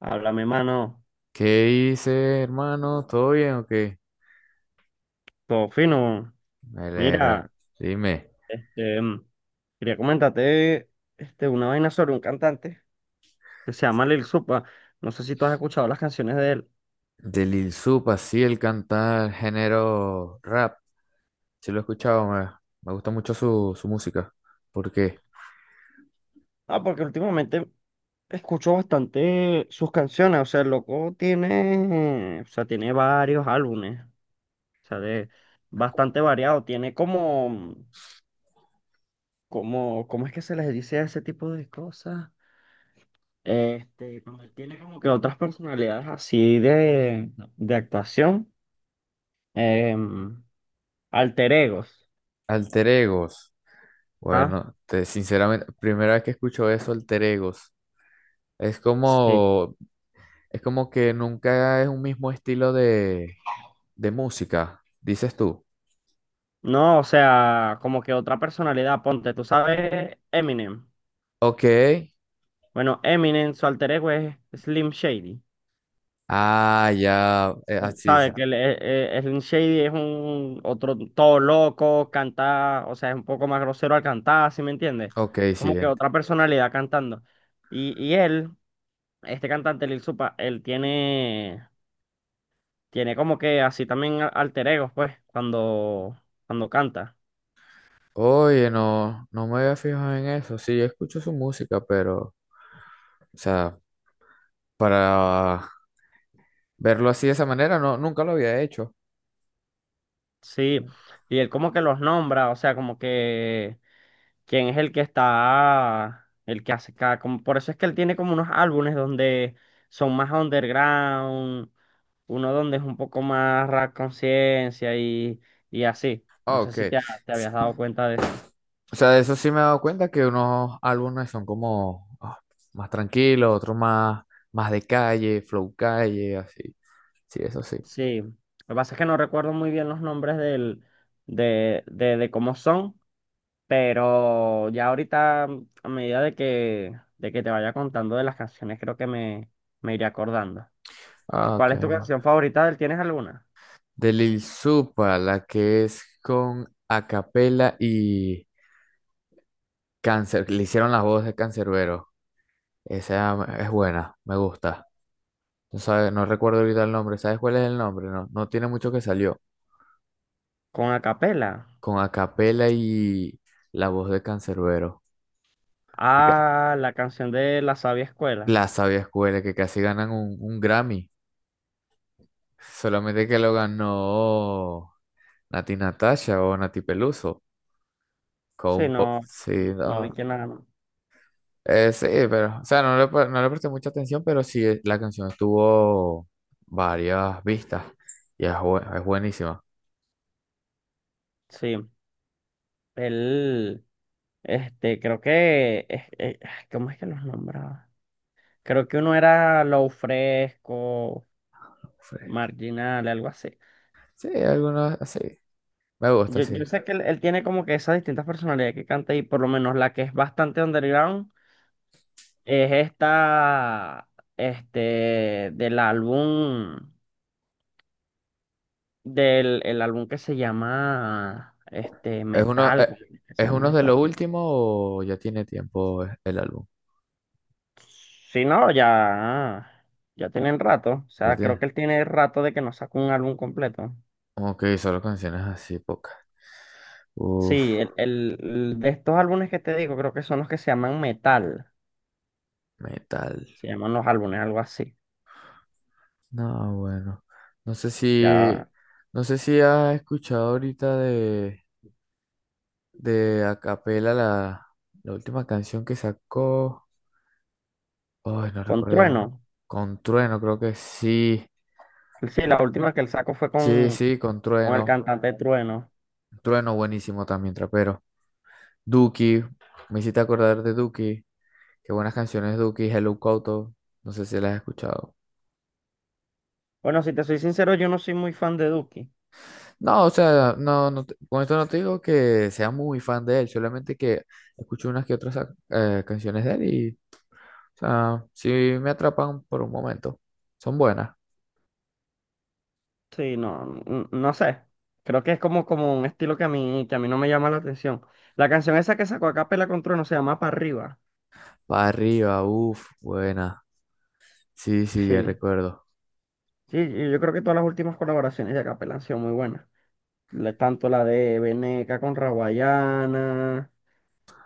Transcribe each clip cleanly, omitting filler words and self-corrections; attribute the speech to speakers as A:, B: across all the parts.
A: Háblame, mano.
B: ¿Qué hice, hermano? ¿Todo bien o qué?
A: Todo fino.
B: Me alegra.
A: Mira,
B: Dime.
A: este, mm, quería comentarte una vaina sobre un cantante que se llama Lil Supa. No sé si tú has escuchado las canciones de él.
B: De Lil Sup, así el cantar género rap. Sí lo he escuchado, me gusta mucho su música. ¿Por qué?
A: Ah, porque últimamente escucho bastante sus canciones. O sea, el loco tiene, o sea, tiene varios álbumes. O sea, de bastante variado. Tiene ¿cómo es que se les dice a ese tipo de cosas? Cuando él tiene como que otras personalidades así de actuación. em, Alter egos.
B: Alter Egos.
A: ¿Ah?
B: Bueno, sinceramente, primera vez que escucho eso, Alter Egos. Es
A: Sí.
B: como, es como que nunca es un mismo estilo de música, dices tú.
A: No, o sea, como que otra personalidad, ponte, tú sabes Eminem.
B: Ok.
A: Bueno, Eminem, su alter ego es Slim Shady.
B: Ah, ya. Sí,
A: Sabes
B: sí.
A: que Slim Shady es un otro todo loco, canta, o sea, es un poco más grosero al cantar, ¿sí me entiendes?
B: Ok, sí.
A: Como que otra personalidad cantando. Y él, este cantante Lil Supa, él tiene, tiene como que así también alter egos, pues, cuando canta.
B: Oye, no me había fijado en eso. Sí, yo escucho su música, pero, o sea, para verlo así de esa manera, no, nunca lo había hecho.
A: Sí, y él como que los nombra, o sea, como que quién es el que está, el que hace cada, como, por eso es que él tiene como unos álbumes donde son más underground, uno donde es un poco más rap conciencia y así.
B: Ah,
A: No sé
B: ok.
A: si te habías dado cuenta de eso.
B: O sea, de eso sí me he dado cuenta que unos álbumes son como ah, más tranquilos, más de calle, flow calle, así. Sí, eso sí.
A: Sí, lo que pasa es que no recuerdo muy bien los nombres de cómo son. Pero ya ahorita, a medida de que te vaya contando de las canciones, creo que me iré acordando.
B: Ah, ok.
A: ¿Cuál es tu canción favorita de él? ¿Tienes alguna?
B: De Lil Supa, la que es con Acapella y Cáncer, le hicieron la voz de Cancerbero. Esa es buena, me gusta. No recuerdo ahorita el nombre. ¿Sabes cuál es el nombre? No, no tiene mucho que salió.
A: Con acapela.
B: Con Acapela y la voz de Canserbero. Y ca-
A: Ah, la canción de La Sabia
B: La
A: Escuela.
B: Sabia Escuela, que casi ganan un Grammy. Solamente que lo ganó Nati Natasha o Nati Peluso. Con
A: Sí,
B: un pop.
A: no,
B: Sí,
A: no vi
B: no.
A: que nada.
B: Sí, pero. O sea, no le presté mucha atención, pero sí, la canción tuvo varias vistas. Y es, es buenísima.
A: Sí, él, creo que, ay, ¿cómo es que los nombraba? Creo que uno era Low Fresco,
B: Sí,
A: Marginal, algo así.
B: sí, algunas así. Me gusta,
A: Yo
B: sí.
A: sé que él tiene como que esas distintas personalidades que canta y por lo menos la que es bastante underground es esta, del álbum, del el álbum que se llama, este,
B: ¿Es uno,
A: Metal,
B: eh,
A: ¿cómo es que se
B: es
A: llama
B: uno de
A: esto?
B: lo último o ya tiene tiempo el álbum?
A: Sí, no, ya, ya tienen rato, o
B: Ya
A: sea, creo
B: tiene.
A: que él tiene rato de que no saca un álbum completo.
B: Ok, solo canciones así, pocas. Uf,
A: Sí, el de estos álbumes que te digo, creo que son los que se llaman Metal,
B: metal.
A: se llaman los álbumes, algo así,
B: No, bueno. No sé si,
A: ya,
B: no sé si has escuchado ahorita de Acapela la última canción que sacó. Ay, no
A: con
B: recuerdo.
A: Trueno.
B: Con Trueno, creo que sí.
A: Sí, la última que él sacó fue
B: Sí, sí, con
A: con el
B: Trueno.
A: cantante Trueno.
B: Trueno, buenísimo también, trapero. Duki, me hiciste acordar de Duki. Qué buenas canciones, Duki, Hello Couto. No sé si las has escuchado.
A: Bueno, si te soy sincero, yo no soy muy fan de Duki.
B: No, o sea, con esto no te digo que sea muy fan de él, solamente que escucho unas que otras canciones de él y, o sea, sí me atrapan por un momento. Son buenas.
A: Sí, no sé. Creo que es como un estilo que a mí no me llama la atención. La canción esa que sacó a capela con Trueno se llama Pa' Arriba.
B: Para arriba, uff, buena. Sí, sí, ya
A: Sí.
B: recuerdo.
A: Sí, y yo creo que todas las últimas colaboraciones de Acapela han sido muy buenas. Tanto la de Veneca con Raguayana,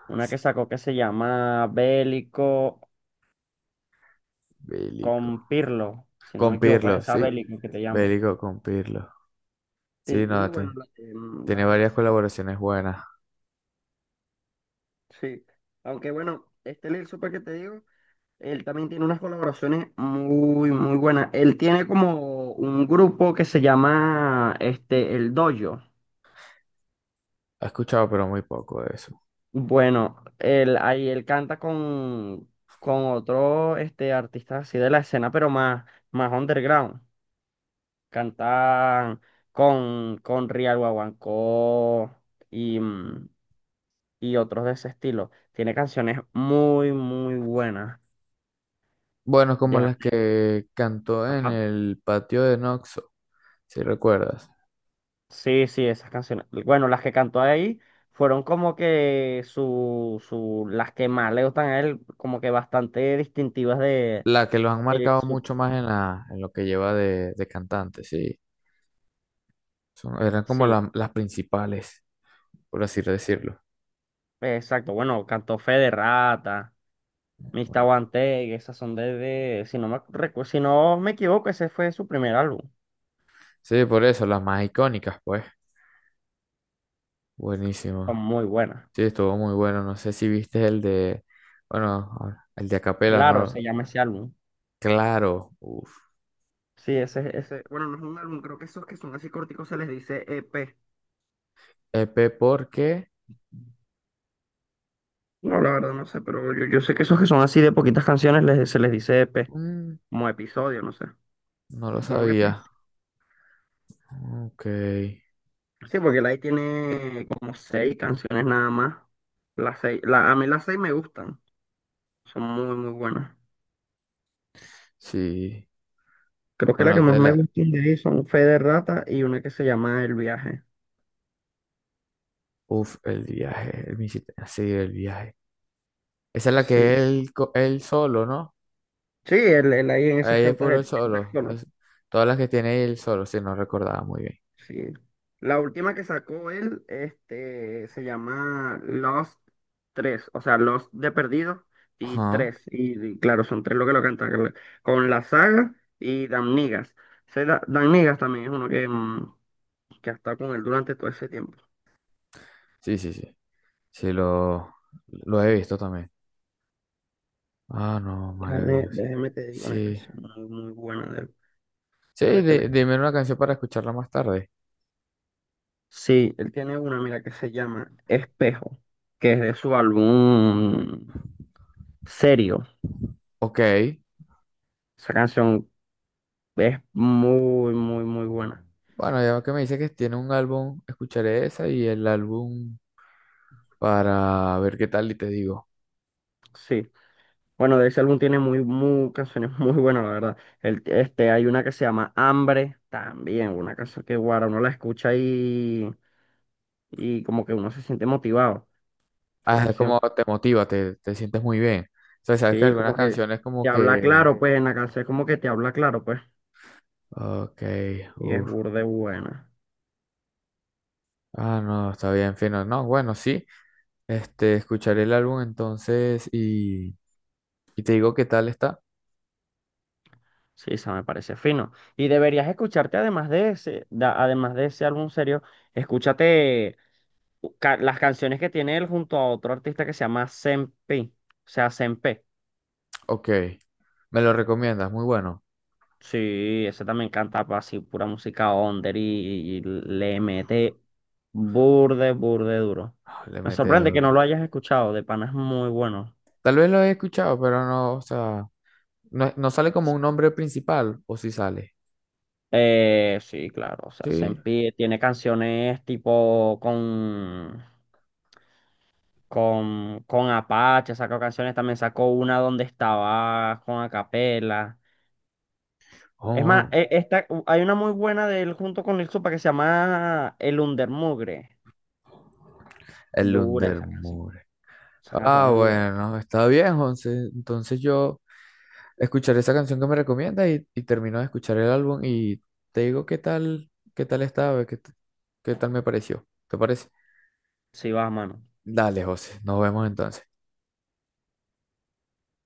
A: una
B: Sí,
A: que sacó que se llama Bélico
B: Bélico.
A: con Pirlo, si no me
B: Con
A: equivoco, es
B: Pirlo,
A: esa
B: sí.
A: Bélico que te llamo.
B: Bélico con Pirlo.
A: Sí,
B: Sí,
A: y
B: no,
A: bueno,
B: te-
A: la de, mm,
B: tiene
A: la de la
B: varias
A: sal-
B: colaboraciones buenas.
A: sí. Aunque bueno, este Lil Super que te digo, él también tiene unas colaboraciones muy, muy buenas. Él tiene como un grupo que se llama El Dojo.
B: He escuchado, pero muy poco de eso.
A: Bueno, él, ahí él canta con otro este, artista así de la escena, pero más, más underground. Cantan con Rial Guaguancó y y otros de ese estilo. Tiene canciones muy, muy buenas.
B: Bueno, como
A: Deja-
B: las que cantó en
A: ajá.
B: el patio de Noxo, si recuerdas.
A: Sí, sí, esas canciones. Bueno, las que cantó ahí fueron como que las que más le gustan a él, como que bastante distintivas
B: La que los han
A: de
B: marcado
A: su-
B: mucho más en en lo que lleva de cantante, sí. Eran como
A: sí,
B: las principales, por así decirlo.
A: exacto. Bueno, cantó Fe de Rata, Mista
B: Bueno,
A: Guante, esas son si no me, si no me equivoco, ese fue su primer álbum.
B: sí, por eso, las más icónicas, pues.
A: Son
B: Buenísimo.
A: muy buenas.
B: Sí, estuvo muy bueno. No sé si viste el de, bueno, ahora, el de Acapela,
A: Claro, se
B: ¿no?
A: llama ese álbum.
B: Claro, uff.
A: Sí, bueno, no es un álbum, creo que esos que son así corticos se les dice EP.
B: EP porque
A: No, la verdad no sé, pero yo sé que esos que son así de poquitas canciones se les dice EP,
B: mm,
A: como episodio, no sé.
B: no lo
A: Supongo que es por
B: sabía.
A: eso.
B: Ok,
A: Sí, porque el ahí tiene como seis canciones nada más. Las seis, a mí las seis me gustan, son muy, muy buenas.
B: sí.
A: Creo que la que
B: Bueno,
A: más
B: de
A: me
B: la,
A: gusta de ahí son Fe de Rata y una que se llama El Viaje.
B: Uf, el viaje, el Mississippi, sí, el viaje. Esa es la que
A: Sí,
B: él solo, ¿no?
A: sí, él ahí en esas
B: Ahí es
A: cantas,
B: puro él
A: él canta
B: solo.
A: solo.
B: Todas las que tiene él solo, sí, no recordaba muy bien.
A: Sí. La última que sacó él, se llama Lost tres, o sea, Lost de perdido y
B: Ajá.
A: tres. Y claro, son tres lo que lo cantan con la saga y Dan Niggas. Dan Niggas también es uno que que ha estado con él durante todo ese tiempo.
B: Sí, sí, sí. Sí, lo, lo he visto también. Ah, no,
A: Déjame,
B: maravilloso.
A: déjame te digo una
B: Sí.
A: canción muy, muy buena de él para que la escu-
B: Dime una canción para escucharla más tarde.
A: sí, él tiene una, mira, que se llama Espejo, que es de su álbum Serio.
B: Ok.
A: Esa canción es muy, muy, muy buena.
B: Bueno, ya que me dice que tiene un álbum, escucharé esa y el álbum para ver qué tal y te digo.
A: Sí. Bueno, de ese álbum tiene muy, muy canciones muy buenas, la verdad. Hay una que se llama Hambre, también, una canción que guara, uno la escucha y como que uno se siente motivado, esa
B: Ah, es como
A: canción.
B: te motiva, te sientes muy bien. O sea, sabes que
A: Sí,
B: algunas
A: como que
B: canciones
A: te
B: como
A: habla
B: que,
A: claro, pues, en la canción como que te habla claro, pues.
B: ok,
A: Y es
B: uff,
A: burde buena.
B: ah, no, está bien, fino. No, bueno, sí, este, escucharé el álbum entonces y te digo qué tal está.
A: Sí, esa me parece fino. Y deberías escucharte además de ese, además de ese álbum serio, escúchate las canciones que tiene él junto a otro artista que se llama Sempe, o sea, Sempe.
B: Ok, me lo recomiendas, muy bueno.
A: Sí, ese también canta así pura música under y le mete burde, burde duro.
B: Ah, le
A: Me
B: mete,
A: sorprende que no lo hayas escuchado, de pana es muy bueno.
B: tal vez lo he escuchado, pero no, o sea, no sale como un nombre principal, o si sale.
A: Sí, claro, o sea,
B: Sí,
A: Sempe tiene canciones tipo con Apache, sacó canciones, también sacó una donde estaba con Acapela. Es más,
B: oh,
A: esta, hay una muy buena de él junto con Lil Supa que se llama El Undermugre.
B: el
A: Dura esa canción.
B: Undermoor.
A: Esa canción
B: Ah,
A: es dura.
B: bueno, está bien, José. Entonces yo... escuchar esa canción que me recomiendas y termino de escuchar el álbum y te digo qué tal, qué tal estaba, qué, t- qué tal me pareció. ¿Te parece?
A: Sí, va, mano.
B: Dale, José, nos vemos entonces.